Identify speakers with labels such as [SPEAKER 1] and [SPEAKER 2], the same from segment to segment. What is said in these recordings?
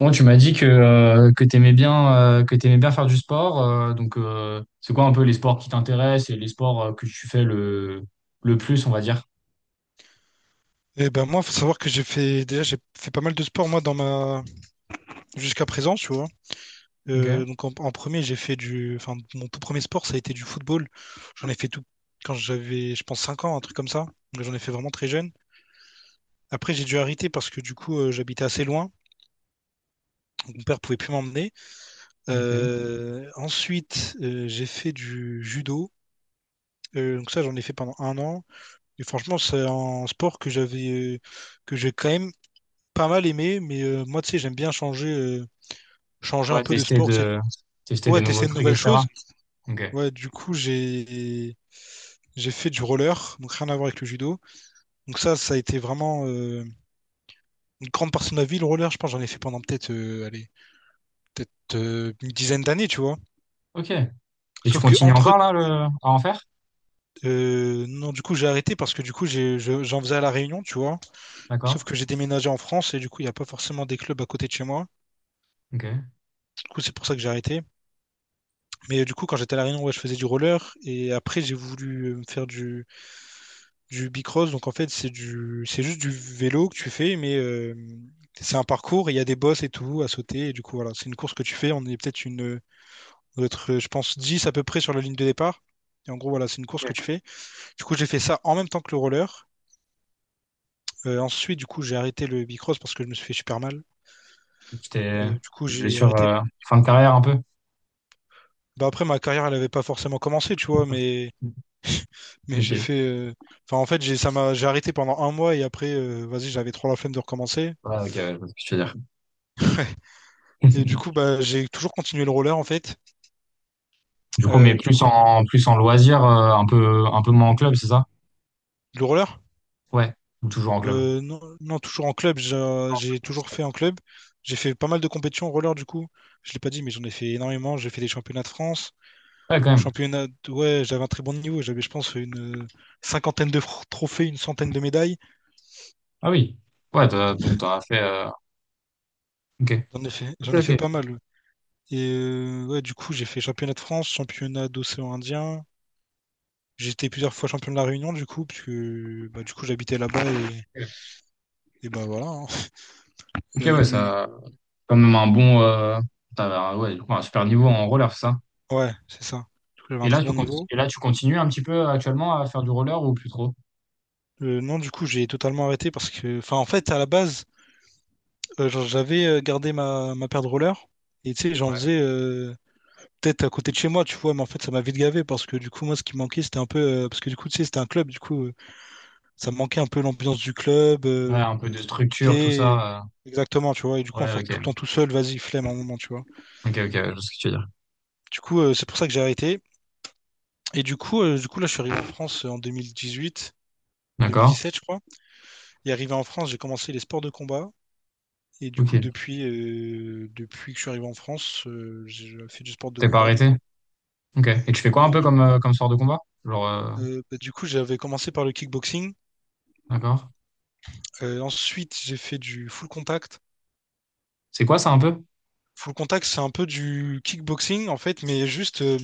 [SPEAKER 1] Bon, tu m'as dit que tu aimais bien, que t'aimais bien faire du sport. Donc c'est quoi un peu les sports qui t'intéressent et les sports que tu fais le plus, on va dire?
[SPEAKER 2] Eh ben moi, faut savoir que j'ai fait pas mal de sport moi dans ma jusqu'à présent, tu vois.
[SPEAKER 1] Ok,
[SPEAKER 2] Donc en premier, j'ai fait du enfin mon tout premier sport, ça a été du football. J'en ai fait tout Quand j'avais je pense 5 ans, un truc comme ça. Donc, j'en ai fait vraiment très jeune. Après, j'ai dû arrêter parce que du coup, j'habitais assez loin. Donc, mon père pouvait plus m'emmener.
[SPEAKER 1] ok.
[SPEAKER 2] Ensuite, j'ai fait du judo. Donc ça, j'en ai fait pendant 1 an. Et franchement, c'est un sport que j'avais que j'ai quand même pas mal aimé. Mais moi, tu sais, j'aime bien changer, changer un
[SPEAKER 1] Ouais,
[SPEAKER 2] peu de sport, tu sais.
[SPEAKER 1] tester des
[SPEAKER 2] Ouais,
[SPEAKER 1] nouveaux
[SPEAKER 2] t'essaies de
[SPEAKER 1] trucs,
[SPEAKER 2] nouvelles
[SPEAKER 1] etc.
[SPEAKER 2] choses.
[SPEAKER 1] Ok,
[SPEAKER 2] Ouais, du coup, j'ai fait du roller, donc rien à voir avec le judo. Donc ça a été vraiment une grande partie de ma vie, le roller. Je pense que j'en ai fait pendant peut-être une dizaine d'années, tu vois.
[SPEAKER 1] ok. Et tu
[SPEAKER 2] Sauf que
[SPEAKER 1] continues
[SPEAKER 2] entre
[SPEAKER 1] encore à en faire?
[SPEAKER 2] Non, du coup, j'ai arrêté parce que du coup, j'en faisais à La Réunion, tu vois. Sauf
[SPEAKER 1] D'accord.
[SPEAKER 2] que j'ai déménagé en France et du coup, il n'y a pas forcément des clubs à côté de chez moi.
[SPEAKER 1] Ok.
[SPEAKER 2] Du coup, c'est pour ça que j'ai arrêté. Mais du coup, quand j'étais à La Réunion, ouais, je faisais du roller et après, j'ai voulu me faire du bicross. Donc en fait, c'est juste du vélo que tu fais, mais c'est un parcours, et il y a des bosses et tout à sauter. Et du coup, voilà, c'est une course que tu fais. On est peut-être une, notre, Je pense, 10 à peu près sur la ligne de départ. Et en gros, voilà, c'est une course
[SPEAKER 1] Ok.
[SPEAKER 2] que tu fais. Du coup, j'ai fait ça en même temps que le roller. Ensuite, du coup, j'ai arrêté le bicross parce que je me suis fait super mal.
[SPEAKER 1] Tu t'es
[SPEAKER 2] Du coup,
[SPEAKER 1] une
[SPEAKER 2] j'ai
[SPEAKER 1] blessure
[SPEAKER 2] arrêté.
[SPEAKER 1] fin de carrière un peu?
[SPEAKER 2] Bah, après, ma carrière, elle n'avait pas forcément commencé, tu vois, mais j'ai
[SPEAKER 1] Ok.
[SPEAKER 2] fait. En fait, j'ai j'ai arrêté pendant 1 mois et après, vas-y, j'avais trop la flemme de recommencer.
[SPEAKER 1] Ouais, ok, ouais, je vois ce que tu veux dire.
[SPEAKER 2] Et du coup, bah, j'ai toujours continué le roller en fait.
[SPEAKER 1] Du coup, mais
[SPEAKER 2] Euh, du coup,
[SPEAKER 1] plus en loisir, un peu moins en club, c'est ça?
[SPEAKER 2] le roller?
[SPEAKER 1] Ouais. Ou toujours en club.
[SPEAKER 2] Non, non, toujours en club. J'ai toujours fait en club. J'ai fait pas mal de compétitions en roller du coup. Je l'ai pas dit, mais j'en ai fait énormément. J'ai fait des championnats de France.
[SPEAKER 1] Ouais, quand même.
[SPEAKER 2] Ouais, j'avais un très bon niveau. J'avais, je pense, une cinquantaine de trophées, une centaine de médailles.
[SPEAKER 1] Ah oui. Ouais, t'as, donc t'auras fait. Ok. Ok,
[SPEAKER 2] J'en ai fait pas
[SPEAKER 1] ok.
[SPEAKER 2] mal. Et ouais, du coup, j'ai fait championnat de France, championnat d'océan Indien. J'ai été plusieurs fois champion de la Réunion, du coup, puisque bah, du coup, j'habitais là-bas
[SPEAKER 1] Ok,
[SPEAKER 2] et bah voilà, hein.
[SPEAKER 1] ok,
[SPEAKER 2] Euh,
[SPEAKER 1] ouais, ça. Quand même un bon. T'avais un, ouais, du coup, un super niveau en roller, c'est ça.
[SPEAKER 2] Ouais, c'est ça. Du coup, j'avais
[SPEAKER 1] Et
[SPEAKER 2] un très bon niveau.
[SPEAKER 1] là, tu continues un petit peu actuellement à faire du roller ou plus trop?
[SPEAKER 2] Non, du coup, j'ai totalement arrêté parce que, enfin, en fait, à la base, genre, j'avais gardé ma paire de rollers et tu sais, j'en faisais peut-être à côté de chez moi, tu vois, mais en fait, ça m'a vite gavé parce que du coup, moi, ce qui me manquait, c'était un peu, parce que du coup, tu sais, c'était un club, du coup, ça me manquait un peu l'ambiance du club,
[SPEAKER 1] Ouais, un peu de
[SPEAKER 2] tu
[SPEAKER 1] structure, tout
[SPEAKER 2] sais,
[SPEAKER 1] ça.
[SPEAKER 2] exactement, tu vois, et du coup, en
[SPEAKER 1] Ouais,
[SPEAKER 2] faire tout le temps
[SPEAKER 1] ok.
[SPEAKER 2] tout seul, vas-y, flemme à un moment, tu vois.
[SPEAKER 1] Ok, ok, je vois ce que tu veux dire.
[SPEAKER 2] Du coup, c'est pour ça que j'ai arrêté. Et du coup, là, je suis arrivé en France en 2018,
[SPEAKER 1] D'accord.
[SPEAKER 2] 2017, je crois. Et arrivé en France, j'ai commencé les sports de combat. Et du
[SPEAKER 1] Ok.
[SPEAKER 2] coup, depuis que je suis arrivé en France, j'ai fait du sport de
[SPEAKER 1] T'es pas
[SPEAKER 2] combat, du
[SPEAKER 1] arrêté?
[SPEAKER 2] coup.
[SPEAKER 1] Ok. Et tu fais quoi un
[SPEAKER 2] Non,
[SPEAKER 1] peu
[SPEAKER 2] du coup,
[SPEAKER 1] comme sport de combat? Genre, euh,
[SPEAKER 2] Bah, du coup, j'avais commencé par le kickboxing.
[SPEAKER 1] d'accord.
[SPEAKER 2] Ensuite, j'ai fait du full contact.
[SPEAKER 1] C'est quoi ça un peu?
[SPEAKER 2] Full contact, c'est un peu du kickboxing, en fait, mais juste,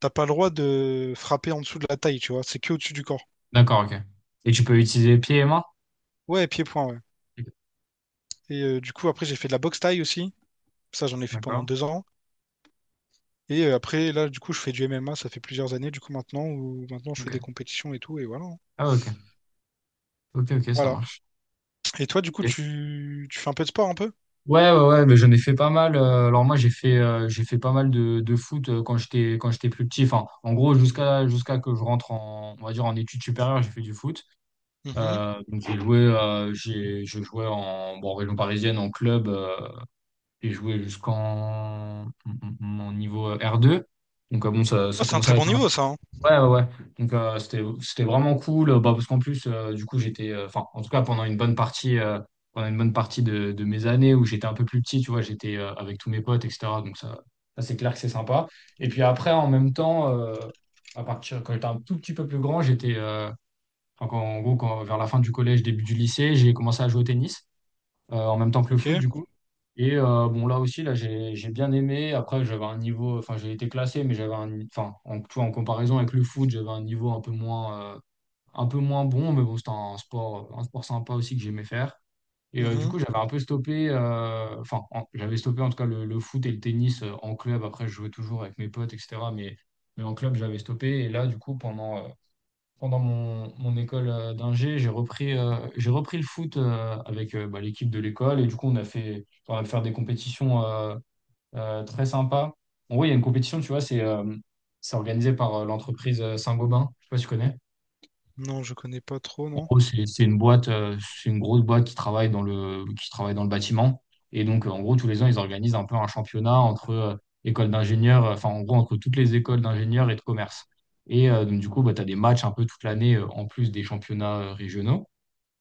[SPEAKER 2] t'as pas le droit de frapper en dessous de la taille, tu vois. C'est que au-dessus du corps.
[SPEAKER 1] D'accord, ok. Et tu peux utiliser pieds et mains?
[SPEAKER 2] Ouais, pied-point, ouais.
[SPEAKER 1] Ok.
[SPEAKER 2] Et du coup, après, j'ai fait de la boxe taille aussi. Ça, j'en ai fait pendant
[SPEAKER 1] D'accord.
[SPEAKER 2] 2 ans. Et après, là, du coup, je fais du MMA. Ça fait plusieurs années, du coup, maintenant, où maintenant, je
[SPEAKER 1] Ok.
[SPEAKER 2] fais des compétitions et tout. Et voilà, hein.
[SPEAKER 1] Ah, ok. Ok, ok, ça
[SPEAKER 2] Voilà.
[SPEAKER 1] marche.
[SPEAKER 2] Et toi, du coup,
[SPEAKER 1] Ok.
[SPEAKER 2] tu fais un peu de sport un peu?
[SPEAKER 1] Ouais, ouais, ouais, mais j'en ai fait pas mal. Alors moi, j'ai fait pas mal de foot quand j'étais plus petit. Enfin, en gros, jusqu'à que je on va dire en études supérieures, j'ai fait du foot.
[SPEAKER 2] Mhm.
[SPEAKER 1] Donc j'ai, je jouais bon, en région parisienne, en club. J'ai joué en niveau R2. Donc bon,
[SPEAKER 2] Oh,
[SPEAKER 1] ça
[SPEAKER 2] c'est un
[SPEAKER 1] commençait
[SPEAKER 2] très
[SPEAKER 1] à
[SPEAKER 2] bon
[SPEAKER 1] être
[SPEAKER 2] niveau, ça, hein.
[SPEAKER 1] ouais, ouais, ouais. Donc, c'était vraiment cool. Bah, parce qu'en du coup, enfin, en tout cas, pendant une bonne partie, pendant une bonne partie de mes années où j'étais un peu plus petit, tu vois, j'étais avec tous mes potes, etc. Donc, ça c'est clair que c'est sympa. Et puis après, en même temps, à partir, quand j'étais un tout petit peu plus grand, enfin, en gros, quand, vers la fin du collège, début du lycée, j'ai commencé à jouer au tennis en même temps que le
[SPEAKER 2] Ok.
[SPEAKER 1] foot, du coup. Et bon, là aussi, là, j'ai bien aimé. Après, j'avais un niveau, enfin, j'ai été classé, mais j'avais un, enfin, en, tu vois, en comparaison avec le foot, j'avais un niveau un peu moins, un peu moins bon, mais bon, c'était un sport sympa aussi que j'aimais faire. Et du
[SPEAKER 2] Mhm.
[SPEAKER 1] coup, j'avais un peu stoppé, enfin, j'avais stoppé en tout cas le foot et le tennis en club. Après, je jouais toujours avec mes potes, etc. Mais en club, j'avais stoppé. Et là, du coup, pendant mon école d'ingé, j'ai repris le foot avec bah, l'équipe de l'école. Et du coup, on a pu faire des compétitions très sympas. En gros, il y a une compétition, tu vois, c'est organisé par l'entreprise Saint-Gobain. Je sais pas si tu connais.
[SPEAKER 2] Non, je connais pas trop,
[SPEAKER 1] En
[SPEAKER 2] non.
[SPEAKER 1] gros, c'est une boîte, c'est une grosse boîte qui travaille qui travaille dans le bâtiment. Et donc, en gros, tous les ans, ils organisent un peu un championnat entre écoles d'ingénieurs, enfin, en gros, entre toutes les écoles d'ingénieurs et de commerce. Et donc, du coup, bah, tu as des matchs un peu toute l'année en plus des championnats régionaux.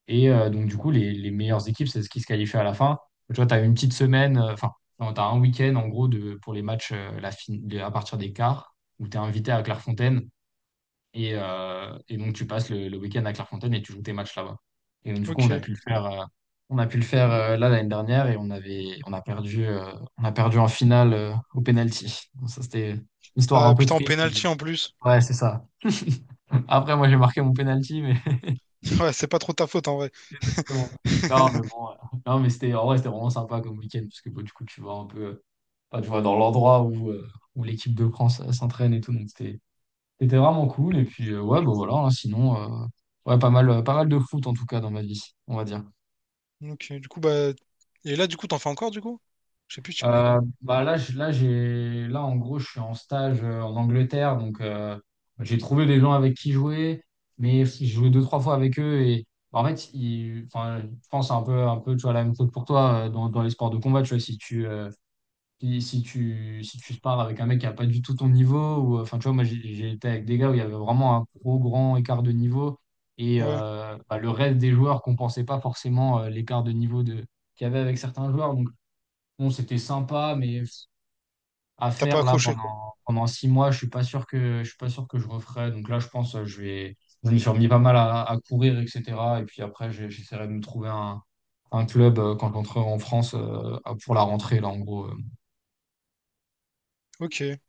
[SPEAKER 1] Et donc, du coup, les meilleures équipes, c'est ce qui se qualifie à la fin. Tu vois, tu as une petite enfin, tu as un week-end, en gros, pour les matchs à partir des quarts, où tu es invité à Clairefontaine, et donc, tu passes le week-end à Clairefontaine et tu joues tes matchs là-bas. Et donc, du coup,
[SPEAKER 2] Ok.
[SPEAKER 1] on a pu le faire là l'année dernière et on a perdu on a perdu en finale au penalty. Donc, ça, c'était une histoire un
[SPEAKER 2] Ah
[SPEAKER 1] peu
[SPEAKER 2] putain, en
[SPEAKER 1] triste, mais
[SPEAKER 2] penalty en plus.
[SPEAKER 1] ouais, c'est ça. Après, moi, j'ai marqué mon penalty, mais
[SPEAKER 2] Ouais, c'est pas trop ta faute en vrai.
[SPEAKER 1] bon. Non, mais bon, non, mais c'était en vrai, c'était vraiment sympa comme week-end parce que bon, du coup, enfin, tu vois dans l'endroit où où l'équipe de France s'entraîne et tout. Donc, c'était c'était vraiment cool. Et puis, ouais, bah voilà, hein, sinon, ouais, pas mal, pas mal de foot en tout cas dans ma vie, on va dire.
[SPEAKER 2] Ok, du coup, bah. Et là, du coup, t'en fais encore, du coup? Je sais plus si tu me l'as dit.
[SPEAKER 1] Bah là, là, en gros, je suis en stage en Angleterre. Donc, j'ai trouvé des gens avec qui jouer, mais j'ai joué deux, trois fois avec eux. Et bah, en fait, enfin, je pense un peu, tu vois, la même chose pour toi dans les sports de combat. Tu vois, si tu parles avec un mec qui n'a pas du tout ton niveau, ou enfin, tu vois, moi j'ai été avec des gars où il y avait vraiment un gros grand écart de niveau, et
[SPEAKER 2] Ouais,
[SPEAKER 1] bah, le reste des joueurs compensait pas forcément l'écart de niveau de, qu'il y avait avec certains joueurs. Donc, bon, c'était sympa, mais à
[SPEAKER 2] t'as pas
[SPEAKER 1] faire là
[SPEAKER 2] accroché, quoi.
[SPEAKER 1] pendant six mois, je suis pas sûr je suis pas sûr que je referais. Donc là, je pense je me suis remis pas mal à courir, etc. Et puis après, j'essaierai de me trouver un club quand j'entrerai en France pour la rentrée, là, en gros.
[SPEAKER 2] Ok. Et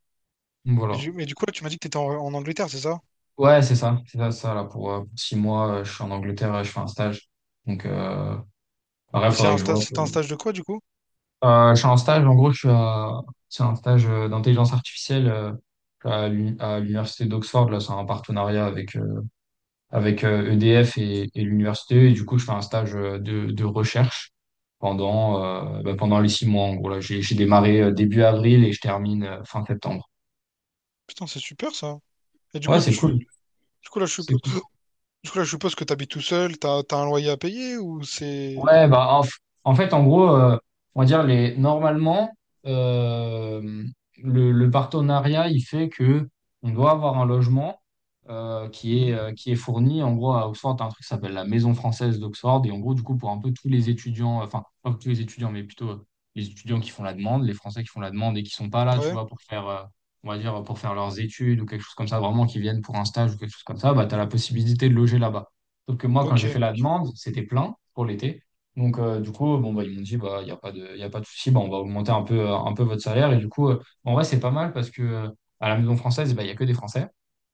[SPEAKER 1] Voilà.
[SPEAKER 2] mais du coup, là, tu m'as dit que t'étais en Angleterre, c'est ça?
[SPEAKER 1] Ouais, c'est ça, là, pour six mois, je suis en Angleterre, et je fais un stage. Donc, bref,
[SPEAKER 2] Et c'est
[SPEAKER 1] faudrait
[SPEAKER 2] un
[SPEAKER 1] que je
[SPEAKER 2] stage,
[SPEAKER 1] vois.
[SPEAKER 2] c'était un stage de quoi, du coup?
[SPEAKER 1] Je suis en stage, en gros, c'est un stage d'intelligence artificielle à l'université d'Oxford, là, c'est un partenariat avec EDF et l'université, et du coup, je fais un stage de recherche pendant, bah, pendant les six mois, en gros, j'ai démarré début avril et je termine fin septembre.
[SPEAKER 2] Putain, c'est super, ça. Et
[SPEAKER 1] Ouais, c'est cool,
[SPEAKER 2] du coup, là, je
[SPEAKER 1] c'est
[SPEAKER 2] suppose,
[SPEAKER 1] cool.
[SPEAKER 2] du coup, là, je suppose que t'habites tout seul, t'as un loyer à payer ou c'est.
[SPEAKER 1] Ouais, bah, en fait, en gros, on va dire normalement, euh, le partenariat, il fait que on doit avoir un logement
[SPEAKER 2] Mhm.
[SPEAKER 1] qui est fourni. En gros, à Oxford, t'as un truc qui s'appelle la Maison française d'Oxford. Et en gros, du coup, pour un peu tous les étudiants, enfin, pas tous les étudiants, mais plutôt les étudiants qui font la demande, les Français qui font la demande et qui sont pas là, tu
[SPEAKER 2] Ouais,
[SPEAKER 1] vois, pour on va dire, pour faire leurs études ou quelque chose comme ça, vraiment, qui viennent pour un stage ou quelque chose comme ça, bah, tu as la possibilité de loger là-bas. Sauf que moi, quand
[SPEAKER 2] ok,
[SPEAKER 1] j'ai fait la demande, c'était plein pour l'été. Donc, du coup, bon, bah, ils m'ont dit, bah, il n'y a pas y a pas de souci, bah, on va augmenter un peu, un peu votre salaire. Et du coup, bah, en vrai, c'est pas mal parce que à la maison française, bah, il n'y a que des Français.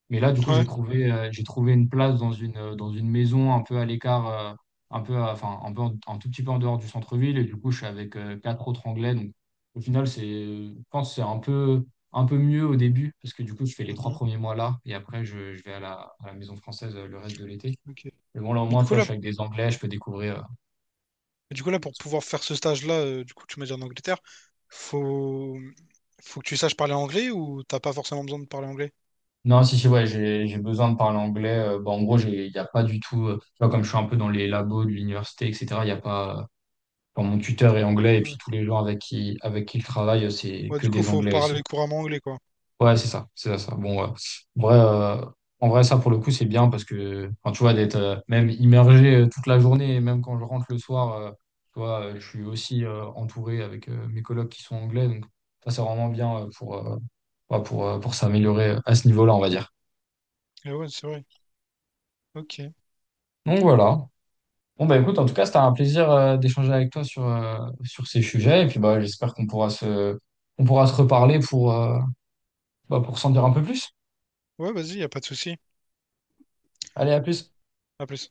[SPEAKER 1] Mais là, du coup,
[SPEAKER 2] ouais,
[SPEAKER 1] j'ai trouvé une place dans dans une maison un peu à l'écart, enfin, un tout petit peu en dehors du centre-ville. Et du coup, je suis avec quatre autres Anglais. Donc, au final, je pense que un peu mieux au début parce que du coup, je fais les trois
[SPEAKER 2] mhm,
[SPEAKER 1] premiers mois là et après, je vais à la maison française le reste de l'été.
[SPEAKER 2] ok.
[SPEAKER 1] Mais bon, là, au
[SPEAKER 2] Mais
[SPEAKER 1] moins,
[SPEAKER 2] du
[SPEAKER 1] tu
[SPEAKER 2] coup
[SPEAKER 1] vois, je
[SPEAKER 2] là,
[SPEAKER 1] suis avec des Anglais, je peux découvrir
[SPEAKER 2] mais du coup là, pour pouvoir faire ce stage-là, du coup tu m'as dit en Angleterre, faut, faut que tu saches parler anglais ou t'as pas forcément besoin de parler anglais?
[SPEAKER 1] non, si, ouais, j'ai besoin de parler anglais. Bon, en gros, il n'y a pas du tout, tu vois, comme je suis un peu dans les labos de l'université, etc., il n'y a pas, bon, mon tuteur est anglais et
[SPEAKER 2] Ouais.
[SPEAKER 1] puis tous les gens avec qui il travaille, c'est
[SPEAKER 2] Ouais,
[SPEAKER 1] que
[SPEAKER 2] du coup
[SPEAKER 1] des
[SPEAKER 2] faut
[SPEAKER 1] anglais
[SPEAKER 2] parler
[SPEAKER 1] aussi.
[SPEAKER 2] couramment anglais quoi.
[SPEAKER 1] Ouais, c'est ça, Bon, vrai, euh, en vrai, ça, pour le coup, c'est bien parce que, enfin, tu vois, d'être même immergé toute la journée et même quand je rentre le soir, tu vois, je suis aussi entouré avec mes collègues qui sont anglais. Donc, ça, c'est vraiment bien ouais, pour s'améliorer à ce niveau-là, on va dire.
[SPEAKER 2] Et ouais, c'est vrai. Ok.
[SPEAKER 1] Donc, voilà. Bon, bah écoute, en tout cas, c'était un plaisir d'échanger avec toi sur ces sujets. Et puis, bah, j'espère on pourra se reparler bah, pour s'en dire un peu plus.
[SPEAKER 2] Ouais, vas-y, y a pas de souci.
[SPEAKER 1] Allez, à plus.
[SPEAKER 2] À plus.